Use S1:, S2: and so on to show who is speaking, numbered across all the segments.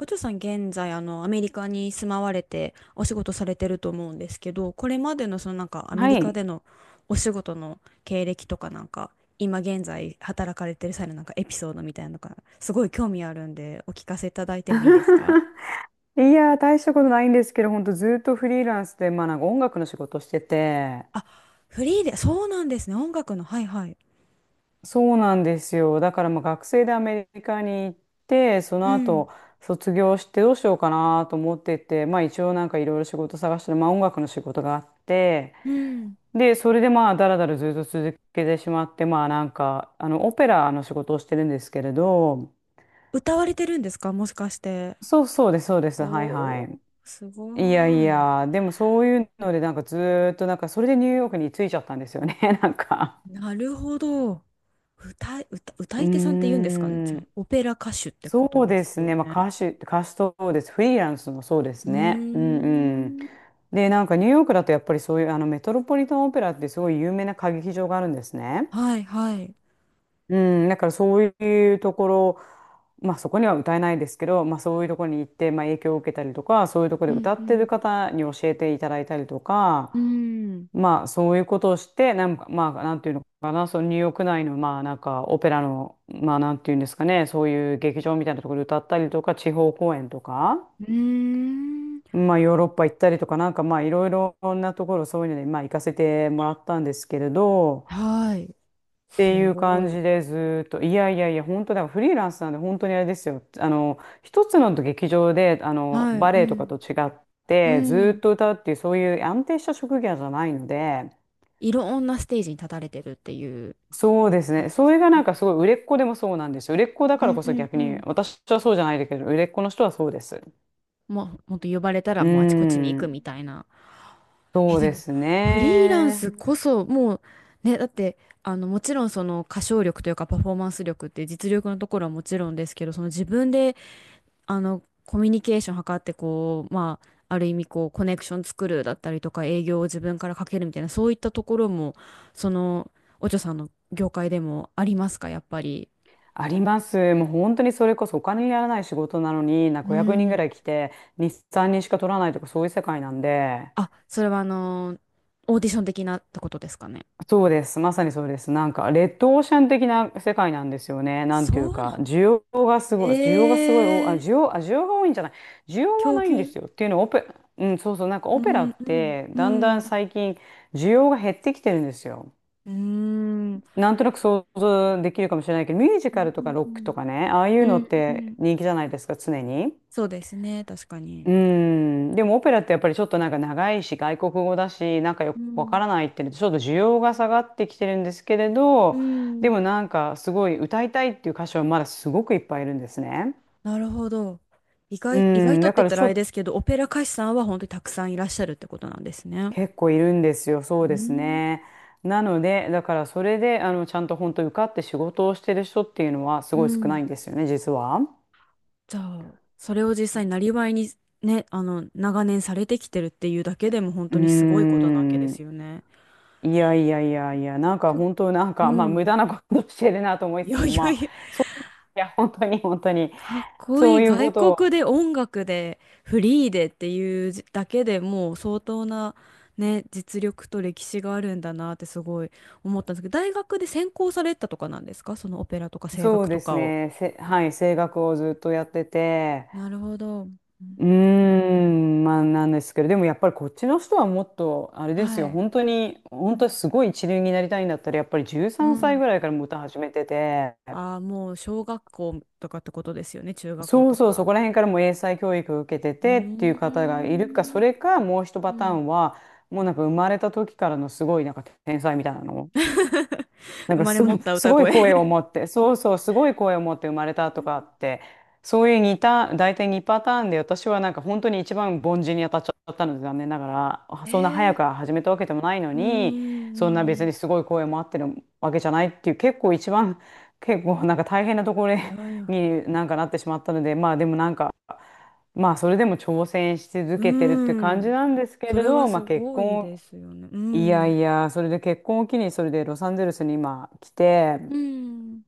S1: お嬢さん、現在、アメリカに住まわれてお仕事されてると思うんですけど、これまでのそのなんかアメ
S2: は
S1: リカ
S2: い。
S1: でのお仕事の経歴とかなんか、今現在働かれてる際のなんかエピソードみたいなのが、すごい興味あるんで、お聞かせいただいてもいいですか？
S2: いやー、大したことないんですけど、本当ずっとフリーランスで、まあなんか音楽の仕事してて、
S1: あ、フリーで、そうなんですね。音楽の、はいはい。
S2: そうなんですよ。だからまあ学生でアメリカに行って、そ
S1: う
S2: の
S1: ん、
S2: 後卒業してどうしようかなと思ってて、まあ一応なんかいろいろ仕事探してる、まあ音楽の仕事があって、
S1: うん。
S2: で、それでまあだらだらずっと続けてしまって、まあなんか、あの、オペラの仕事をしてるんですけれど、
S1: 歌われてるんですかもしかして。
S2: そうそうです、そうです。はいは
S1: おー、
S2: い。
S1: す
S2: いやい
S1: ごい。
S2: や、でもそういうので、なんかずーっと、なんかそれでニューヨークに着いちゃったんですよね、なんか。
S1: なるほど。歌
S2: う
S1: い手さんって言うんですかね。じ
S2: ー
S1: ゃあ、
S2: ん、
S1: オペラ歌手ってこ
S2: そ
S1: と
S2: う
S1: で
S2: で
S1: す
S2: す
S1: よ
S2: ね、まあ
S1: ね。
S2: 歌手、歌手そうです、フリーランスもそうで
S1: う
S2: すね。うんうん。
S1: ーん。
S2: で、なんかニューヨークだとやっぱりそういうあのメトロポリタンオペラってすごい有名な歌劇場があるんですね。
S1: はいはい。
S2: うん、だからそういうところ、まあそこには歌えないですけど、まあそういうところに行って、まあ影響を受けたりとか、そういうところ
S1: う
S2: で
S1: ん
S2: 歌
S1: う
S2: ってる
S1: ん。
S2: 方に教えていただいたりとか、
S1: うーん。
S2: まあそういうことをして、なんか、まあなんていうのかな、そのニューヨーク内の、まあなんかオペラの、まあなんていうんですかね、そういう劇場みたいなところで歌ったりとか、地方公演とか、
S1: うーん。
S2: まあヨーロッパ行ったりとか、なんかまあいろいろなところそういうので、まあ行かせてもらったんですけれど、
S1: はい。
S2: ってい
S1: す
S2: う
S1: ご
S2: 感
S1: い。
S2: じでずーっと、いやいやいや、本当だ、フリーランスなんで本当にあれですよ。あの、一つの劇場で、あの、
S1: はい。
S2: バ
S1: う
S2: レエとか
S1: ん。
S2: と違っ
S1: う
S2: て、ずーっ
S1: ん。
S2: と歌うっていう、そういう安定した職業じゃないので、
S1: いろんなステージに立たれてるっていう
S2: そうです
S1: 感
S2: ね。
S1: じで
S2: そ
S1: すか
S2: れがな
S1: ね。
S2: んかすごい売れっ子でもそうなんですよ。売れっ子だ
S1: う
S2: から
S1: ん
S2: こ
S1: う
S2: そ
S1: ん
S2: 逆
S1: う
S2: に、
S1: ん。
S2: 私はそうじゃないけど、売れっ子の人はそうです。
S1: もう、ほんと呼ばれたら
S2: うー
S1: もうあちこちに行くみ
S2: ん、
S1: たいな。え、
S2: そう
S1: で
S2: で
S1: も、
S2: す
S1: フリーラン
S2: ね。
S1: スこそ、もう、ね、だって、もちろんその歌唱力というかパフォーマンス力って実力のところはもちろんですけど、その自分で、コミュニケーション図って、こう、まあ、ある意味こう、コネクション作るだったりとか、営業を自分からかけるみたいな、そういったところも、その、お嬢さんの業界でもありますか、やっぱり？
S2: あります。もう本当にそれこそお金にならない仕事なのに、なん
S1: う
S2: か0 0人ぐ
S1: ん。
S2: らい来て、日産にんしか取らないとかそういう世界なんで。
S1: あ、それはオーディション的なってことですかね。
S2: そうです。まさにそうです。なんか、レッドオーシャン的な世界なんですよね。なんてい
S1: そ
S2: う
S1: うな
S2: か、
S1: ん。
S2: 需要がす
S1: え
S2: ごい、需要がすごい、
S1: えー、
S2: 需要が多いんじゃない。需要は
S1: 供
S2: ないんで
S1: 給。
S2: すよ。っていうのは、うん、そうそう、なんか
S1: う
S2: オペラ
S1: ん
S2: っ
S1: うん
S2: て、
S1: う
S2: だんだん
S1: ん
S2: 最近、需要が減ってきてるんですよ。
S1: うんうん
S2: なんとなく想像できるかもしれないけど、ミュージ
S1: う
S2: カルとか
S1: ん
S2: ロ
S1: う
S2: ックとか
S1: ん
S2: ね、ああい
S1: う
S2: うのっ
S1: んう
S2: て
S1: ん。
S2: 人気じゃないですか、常に。
S1: そうですね、確かに。
S2: うん、でもオペラってやっぱりちょっとなんか長いし外国語だしなんかよ
S1: う
S2: くわか
S1: ん
S2: らないっていうのでちょっと需要が下がってきてるんですけれ
S1: う
S2: ど、でも
S1: ん。
S2: なんかすごい歌いたいっていう歌手はまだすごくいっぱいいるんですね。
S1: なるほど。
S2: う
S1: 意外
S2: ん、
S1: とっ
S2: だ
S1: て
S2: か
S1: 言っ
S2: ら
S1: た
S2: ち
S1: らあ
S2: ょっ
S1: れで
S2: と
S1: すけど、オペラ歌手さんは本当にたくさんいらっしゃるってことなんですね。
S2: 結構いるんですよ、そう
S1: う
S2: です
S1: ん
S2: ね。なので、だからそれで、あの、ちゃんと本当受かって仕事をしてる人っていうのはす
S1: う
S2: ごい少な
S1: ん。
S2: いんですよね、実は。
S1: じゃあ、それを実際なりわいにね、長年されてきてるっていうだけでも本
S2: う
S1: 当
S2: ー
S1: にすごいことなわけで
S2: ん。
S1: すよね。
S2: いやいやいやいや、なんか本当なん
S1: う
S2: か、まあ無
S1: ん。
S2: 駄なことしてるなと思い
S1: い
S2: つつ
S1: やい
S2: も、
S1: や
S2: ま
S1: い
S2: あ、
S1: や、
S2: いや、本当に本当に。
S1: かっこ
S2: そ
S1: い
S2: う
S1: い。
S2: いうこ
S1: 外
S2: とを、
S1: 国で音楽でフリーでっていうだけでもう相当な、ね、実力と歴史があるんだなってすごい思ったんですけど、大学で専攻されたとかなんですか、そのオペラとか声
S2: そう
S1: 楽と
S2: です
S1: かを？
S2: ね。
S1: あ、
S2: はい、声楽をずっとやってて、
S1: なるほど。うん、
S2: うーん、まあなんですけど、でもやっぱりこっちの人はもっと、あれです
S1: は
S2: よ、
S1: い。
S2: 本当に、本当にすごい一流になりたいんだったら、やっぱり13
S1: う
S2: 歳
S1: ん。
S2: ぐらいからもう歌始めてて、
S1: ああ、もう小学校とかってことですよね、中学校
S2: そう
S1: と
S2: そう、そ
S1: か。
S2: こら辺からもう英才教育を受けて
S1: うー
S2: てっていう方がいるか、そ
S1: ん。
S2: れかもう一
S1: う
S2: パター
S1: ん。
S2: ンは、もうなんか生まれた時からのすごいなんか天才みたいなの。なん
S1: 生
S2: か
S1: まれ
S2: すご
S1: 持っ
S2: い、
S1: た
S2: す
S1: 歌
S2: ごい
S1: 声。
S2: 声を 持って、そうそう、すごい声を持って生まれたとかって、そういう似た、大体2パターンで、私はなんか本当に一番凡人に当たっちゃったので、残念ながら、あ、
S1: え
S2: そんな早
S1: ー、
S2: く始めたわけでもない の
S1: うー
S2: に、そんな別
S1: ん。
S2: にすごい声もあってるわけじゃないっていう、結構一番、結構なんか大変なところ
S1: いやいや。
S2: になんかなってしまったので、まあでもなんか、まあそれでも挑戦し続
S1: う
S2: けてるって感
S1: ー
S2: じ
S1: ん。
S2: なんですけ
S1: そ
S2: れ
S1: れ
S2: ど、
S1: が
S2: まあ
S1: す
S2: 結
S1: ごい
S2: 婚、
S1: ですよね。う
S2: いや
S1: ん。
S2: いや、それで結婚を機に、それでロサンゼルスに今来て、
S1: うん。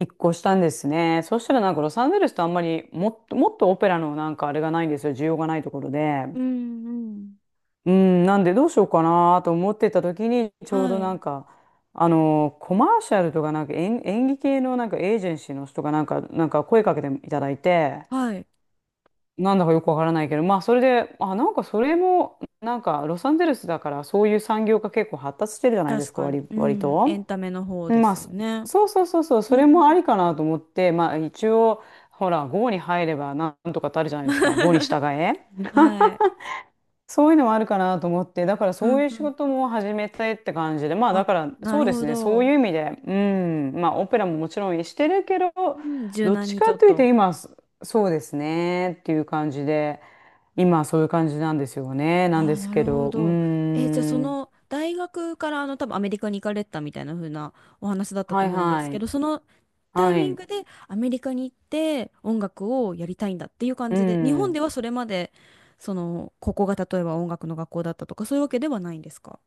S2: 一個したんですね。そしたらなんかロサンゼルスとあんまりもっと、もっとオペラのなんかあれがないんですよ。需要がないところで。
S1: うん。うん。
S2: うん、なんでどうしようかなと思ってた時にちょうど
S1: は
S2: なん
S1: い。
S2: か、あのコマーシャルとかなんか演技系のなんかエージェンシーの人がなんか、なんか声かけていただいて、
S1: はい。
S2: なんだかよくわからないけど、まあそれで、あ、なんかそれも、なんかロサンゼルスだからそういう産業が結構発達してるじゃないで
S1: 確
S2: すか、
S1: か
S2: 割、
S1: に。う
S2: 割
S1: ん。エ
S2: と。
S1: ンタメの方で
S2: まあ、
S1: すよね。
S2: そうそうそうそう、
S1: う
S2: それ
S1: んう
S2: もあり
S1: ん。
S2: かなと思って、まあ一応、ほら、5に入ればなんとかってあるじゃないですか、5に 従え。
S1: は い。
S2: そういうのもあるかなと思って、だから
S1: う
S2: そう
S1: ん
S2: いう
S1: う
S2: 仕
S1: ん。
S2: 事も始めたいって感じで、まあだ
S1: あ、
S2: から
S1: な
S2: そう
S1: る
S2: です
S1: ほ
S2: ね、そう
S1: ど。
S2: いう意味で、うん、まあオペラももちろんしてるけど、
S1: うん。柔
S2: どっ
S1: 軟
S2: ち
S1: に
S2: か
S1: ちょっ
S2: というと
S1: と。
S2: 今、そうですねっていう感じで、今そういう感じなんですよね、なん
S1: あ
S2: で
S1: あ、
S2: す
S1: なる
S2: け
S1: ほ
S2: ど、う
S1: ど。え、じゃあそ
S2: ん、
S1: の大学から多分アメリカに行かれたみたいな風なお話だった
S2: は
S1: と
S2: い
S1: 思うんで
S2: は
S1: すけ
S2: い、
S1: ど、そのタイ
S2: は
S1: ミン
S2: い、
S1: グでアメリカに行って音楽をやりたいんだっていう感
S2: う
S1: じで、日本で
S2: ん。
S1: はそれまでそのここが例えば音楽の学校だったとか、そういうわけではないんですか？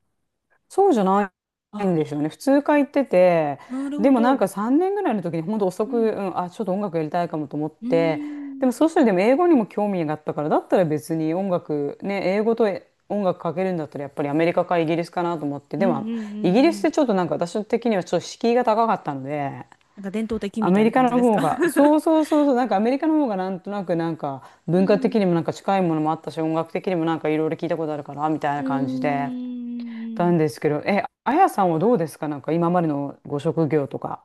S2: そうじゃない
S1: あ、
S2: んですよね。普通科行ってて、
S1: なる
S2: で
S1: ほ
S2: もなん
S1: ど。
S2: か3年ぐらいの時に本当遅
S1: う
S2: く、う
S1: ん。
S2: ん、あ、ちょっと音楽やりたいかもと思っ
S1: うー
S2: て、で
S1: ん。
S2: もそうしたらでも英語にも興味があったから、だったら別に音楽、ね、英語と音楽かけるんだったらやっぱりアメリカかイギリスかなと思って、
S1: うん
S2: で
S1: うん
S2: も
S1: う
S2: イギ
S1: ん
S2: リスっ
S1: うん。
S2: てちょっとなんか私的にはちょっと敷居が高かったので、
S1: なんか伝統的
S2: ア
S1: みた
S2: メ
S1: いな
S2: リカ
S1: 感
S2: の
S1: じです
S2: 方
S1: か？
S2: が、そうそう そうそう、なんかアメリカの方がなんとなくなんか
S1: う
S2: 文化
S1: ん。
S2: 的にもなんか近いものもあったし、音楽的にもなんかいろいろ聞いたことあるから、みたい
S1: う
S2: な
S1: ー
S2: 感じで。た
S1: ん。
S2: んですけど、え、あやさんはどうですか、なんか今までのご職業とか。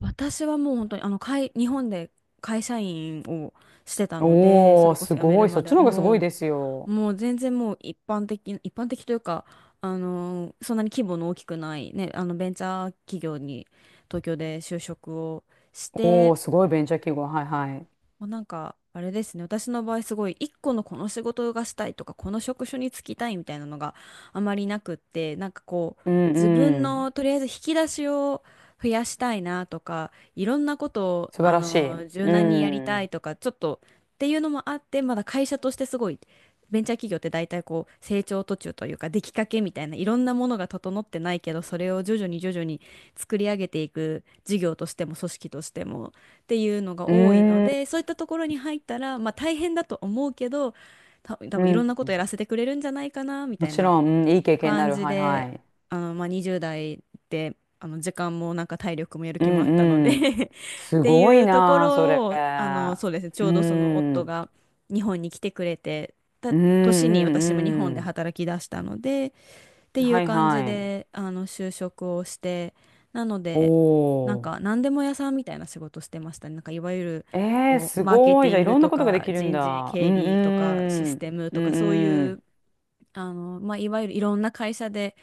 S1: 私はもう本当にあの会、日本で会社員をしてたので、そ
S2: おー、
S1: れこ
S2: す
S1: そ辞め
S2: ご
S1: る
S2: い。そ
S1: ま
S2: っ
S1: で
S2: ち
S1: は
S2: の方がすご
S1: も
S2: い
S1: う、
S2: ですよ。
S1: 全然もう一般的というか、そんなに規模の大きくない、ね、ベンチャー企業に東京で就職をし
S2: お
S1: て、
S2: ー、すごいベンチャー企業。はいはい。
S1: まあ、なんか、あれですね。私の場合すごい、一個のこの仕事がしたいとか、この職種に就きたいみたいなのがあまりなくって、なんかこう、
S2: うん
S1: 自分
S2: うん。
S1: のとりあえず引き出しを増やしたいなとか、いろんなことを、
S2: 素晴らしい。
S1: 柔
S2: う
S1: 軟にやり
S2: ん。
S1: たい
S2: う
S1: とか、ちょっとっていうのもあって、まだ会社としてすごい、ベンチャー企業って大体こう、成長途中というか、出来かけみたいな、いろんなものが整ってないけど、それを徐々に徐々に作り上げていく事業としても組織としても。っていうのが多いの
S2: ーん。
S1: で、そういったところに入ったら、まあ大変だと思うけど、多
S2: う
S1: 分いろんなこと
S2: ん。
S1: やらせてくれるんじゃないかなみ
S2: も
S1: たい
S2: ち
S1: な
S2: ろん、うん、いい経験にな
S1: 感
S2: る。
S1: じ
S2: はいは
S1: で、
S2: い。
S1: まあ20代で、時間もなんか体力もやる
S2: う
S1: 気もあったので。
S2: んうん。
S1: っ
S2: す
S1: て
S2: ご
S1: い
S2: い
S1: うとこ
S2: なあ、それ。
S1: ろを、そうですね、ち
S2: う
S1: ょ
S2: ん。
S1: うどその
S2: う
S1: 夫
S2: ん
S1: が日本に来てくれてた
S2: う
S1: 年に私も日本で
S2: ん
S1: 働き出したので、って
S2: うん。
S1: い
S2: は
S1: う
S2: い
S1: 感じ
S2: はい。
S1: で、就職をして、なので、なん
S2: おー。
S1: か、何でも屋さんみたいな仕事してましたね。なんか、いわゆる、
S2: えー、
S1: こう、
S2: す
S1: マーケ
S2: ご
S1: テ
S2: い。じ
S1: ィ
S2: ゃあ、
S1: ン
S2: い
S1: グ
S2: ろんな
S1: と
S2: ことがで
S1: か、
S2: きるん
S1: 人事、
S2: だ。う
S1: 経
S2: ん
S1: 理とか、シ
S2: う
S1: ス
S2: ん。
S1: テムと
S2: う
S1: か、
S2: ん
S1: そうい
S2: うん。
S1: う、まあ、いわゆるいろんな会社で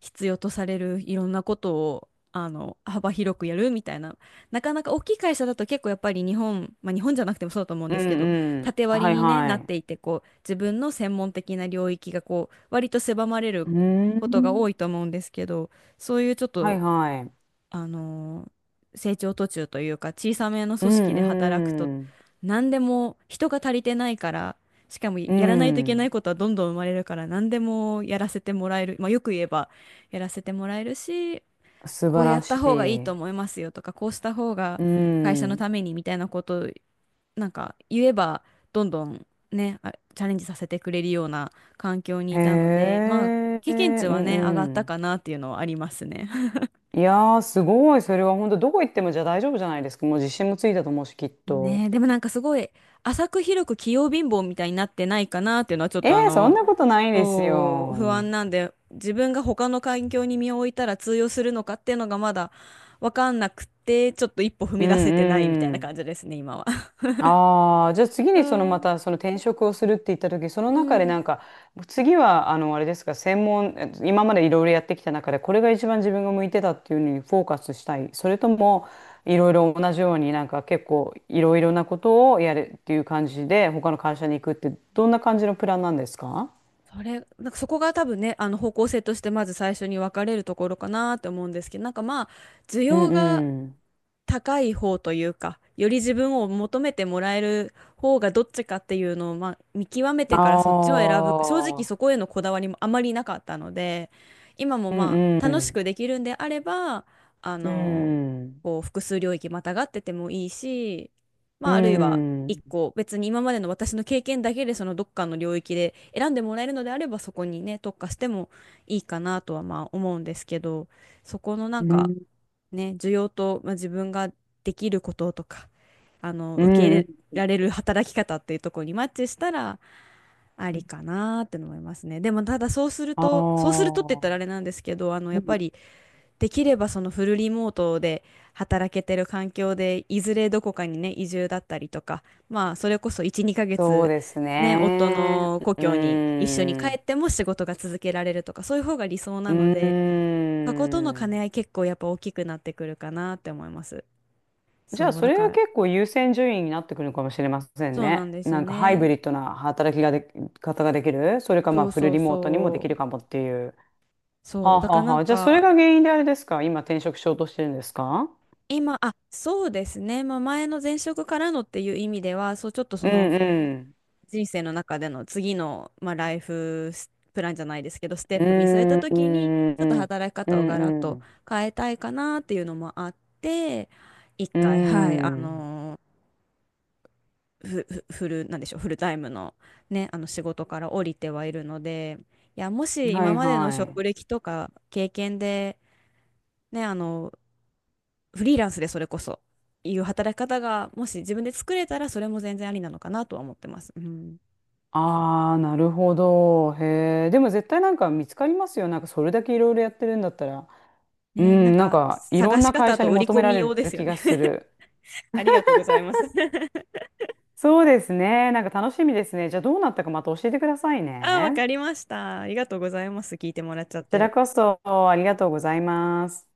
S1: 必要とされるいろんなことを幅広くやるみたいな。なかなか大きい会社だと結構やっぱり日本、まあ、日本じゃなくてもそうだと思うん
S2: う
S1: で
S2: ん
S1: すけど、
S2: うん。
S1: 縦割り
S2: はい
S1: に、ね、
S2: は
S1: なっ
S2: い。
S1: ていて、こう自分の専門的な領域がこう割と狭まれる
S2: う
S1: ことが
S2: ん。
S1: 多いと思うんですけど、そういうちょっ
S2: は
S1: と
S2: いはい。
S1: あの成長途中というか小さめの
S2: う
S1: 組織で働くと、
S2: んうん。
S1: 何でも人が足りてないから、しかも
S2: う
S1: やらないといけな
S2: ん。
S1: いことはどんどん生まれるから、何でもやらせてもらえる、まあ、よく言えばやらせてもらえるし、
S2: 素
S1: こ
S2: 晴
S1: うや
S2: ら
S1: っ
S2: し
S1: た方がいいと
S2: い。
S1: 思いますよとか、こうした方が
S2: う
S1: 会社の
S2: ん。
S1: ためにみたいなことをなんか言えば、どんどんね、チャレンジさせてくれるような環境に
S2: へ
S1: いたので、まあ
S2: え。
S1: 経験値
S2: う
S1: は
S2: ん
S1: ね、上がっ
S2: う
S1: た
S2: ん。
S1: かなっていうのはありますね。
S2: いやー、すごい。それは本当どこ行ってもじゃあ大丈夫じゃないですか。もう自信もついたと思うし、きっと。
S1: ねえ、でもなんかすごい浅く広く器用貧乏みたいになってないかなっていうのはちょっ
S2: え
S1: と
S2: ー、そんなことないです
S1: そう不
S2: よ。
S1: 安なんで、自分が他の環境に身を置いたら通用するのかっていうのがまだわかんなくて、ちょっと一歩踏
S2: う
S1: み出
S2: ん
S1: せてないみたい
S2: う
S1: な感
S2: ん。
S1: じですね、今は。
S2: ああ、じゃあ次
S1: そ
S2: にそのま
S1: う、
S2: たその転職をするって言った時、その
S1: う
S2: 中でな
S1: ん。
S2: んか、次はあの、あれですか、専門、え今までいろいろやってきた中で、これが一番自分が向いてたっていうのにフォーカスしたい。それとも、いろいろ同じようになんか結構いろいろなことをやるっていう感じで、他の会社に行くって、どんな感じのプランなんですか？
S1: それ、なんかそこが多分ね、方向性としてまず最初に分かれるところかなって思うんですけど、なんかまあ、需
S2: う
S1: 要
S2: ん
S1: が
S2: うん。
S1: 高い方というか、より自分を求めてもらえる方がどっちかっていうのを、まあ、見極め
S2: あ
S1: てからそっちを選ぶ。正直そ
S2: あ、
S1: こへのこだわりもあまりなかったので、今も
S2: う
S1: ま
S2: ん
S1: あ
S2: う
S1: 楽し
S2: ん。
S1: くできるんであれば、あ
S2: う
S1: の、
S2: ん。
S1: こう複数領域またがっててもいいし、ま
S2: う
S1: ああるいは一
S2: ん。
S1: 個別に今までの私の経験だけでそのどっかの領域で選んでもらえるのであればそこにね、特化してもいいかなとはまあ思うんですけど、そこのな
S2: う
S1: んか
S2: ん。
S1: ね、需要と、まあ、自分ができることとか、
S2: う
S1: 受け入
S2: ん。
S1: れられる働き方っていうところにマッチしたら、ありかなーって思いますね。でも、ただ
S2: ああ。
S1: そうするとって言ったらあれなんですけど、
S2: う
S1: やっぱ
S2: ん、
S1: り、できればそのフルリモートで働けてる環境で、いずれどこかにね、移住だったりとか、まあ、それこそ1、2ヶ
S2: そう
S1: 月、
S2: です
S1: ね、夫
S2: ね。
S1: の故
S2: う
S1: 郷に
S2: ー
S1: 一緒に帰
S2: ん。
S1: っても仕事が続けられるとか、そういう方が理想
S2: う
S1: なので、
S2: ー
S1: そことの兼
S2: ん。
S1: ね合い結構やっぱ大きくなってくるかなって思います。
S2: じゃあ、
S1: そう、
S2: そ
S1: だ
S2: れ
S1: か
S2: は
S1: ら、
S2: 結構優先順位になってくるのかもしれません
S1: そうな
S2: ね。
S1: んですよ
S2: なんかハイブ
S1: ね。
S2: リッドな働きがで、方ができる。それかま
S1: そ
S2: あ
S1: う
S2: フル
S1: そう
S2: リモートにもで
S1: そ
S2: きる
S1: う。
S2: かもっていう。は
S1: そ
S2: あ、
S1: う、だ
S2: は
S1: から
S2: あ
S1: な
S2: は
S1: ん
S2: あ、じゃあ、それ
S1: か、
S2: が原因であれですか今転職しようとしてるんですか？
S1: 今、あ、そうですね。まあ、前の前職からのっていう意味では、そう、ちょっと
S2: う
S1: そ
S2: ん
S1: の
S2: うん。
S1: 人生の中での次の、まあ、ライフスプランじゃないですけど、ステッ
S2: う
S1: プ見据え
S2: ん。
S1: た
S2: う
S1: 時に、ち
S2: んう
S1: ょっと
S2: ん。
S1: 働き
S2: う
S1: 方をガラッ
S2: んう
S1: と
S2: ん
S1: 変えたいかなっていうのもあって、一
S2: う
S1: 回、はい、あ
S2: ん。
S1: のーふふフル、なんでしょう、フルタイムのね、仕事から降りてはいるので、いや、も
S2: う
S1: し
S2: んは
S1: 今
S2: い
S1: までの
S2: は
S1: 職
S2: い。
S1: 歴とか経験で、ね、フリーランスでそれこそ、いう働き方が、もし自分で作れたら、それも全然ありなのかなとは思ってます。うん。
S2: ああ、なるほど。へえ。でも絶対なんか見つかりますよ。なんかそれだけいろいろやってるんだったら。う
S1: ね、なん
S2: ん、なん
S1: か、
S2: かいろ
S1: 探
S2: ん
S1: し
S2: な会
S1: 方
S2: 社
S1: と
S2: に
S1: 売り
S2: 求め
S1: 込
S2: ら
S1: み用
S2: れ
S1: で
S2: る
S1: すよ
S2: 気
S1: ね。
S2: がす る。
S1: ありがとうございます。
S2: そうですね。なんか楽しみですね。じゃあどうなったかまた教えてください
S1: あ、わ
S2: ね。
S1: かりました。ありがとうございます。聞いてもらっちゃっ
S2: こちら
S1: て。
S2: こそありがとうございます。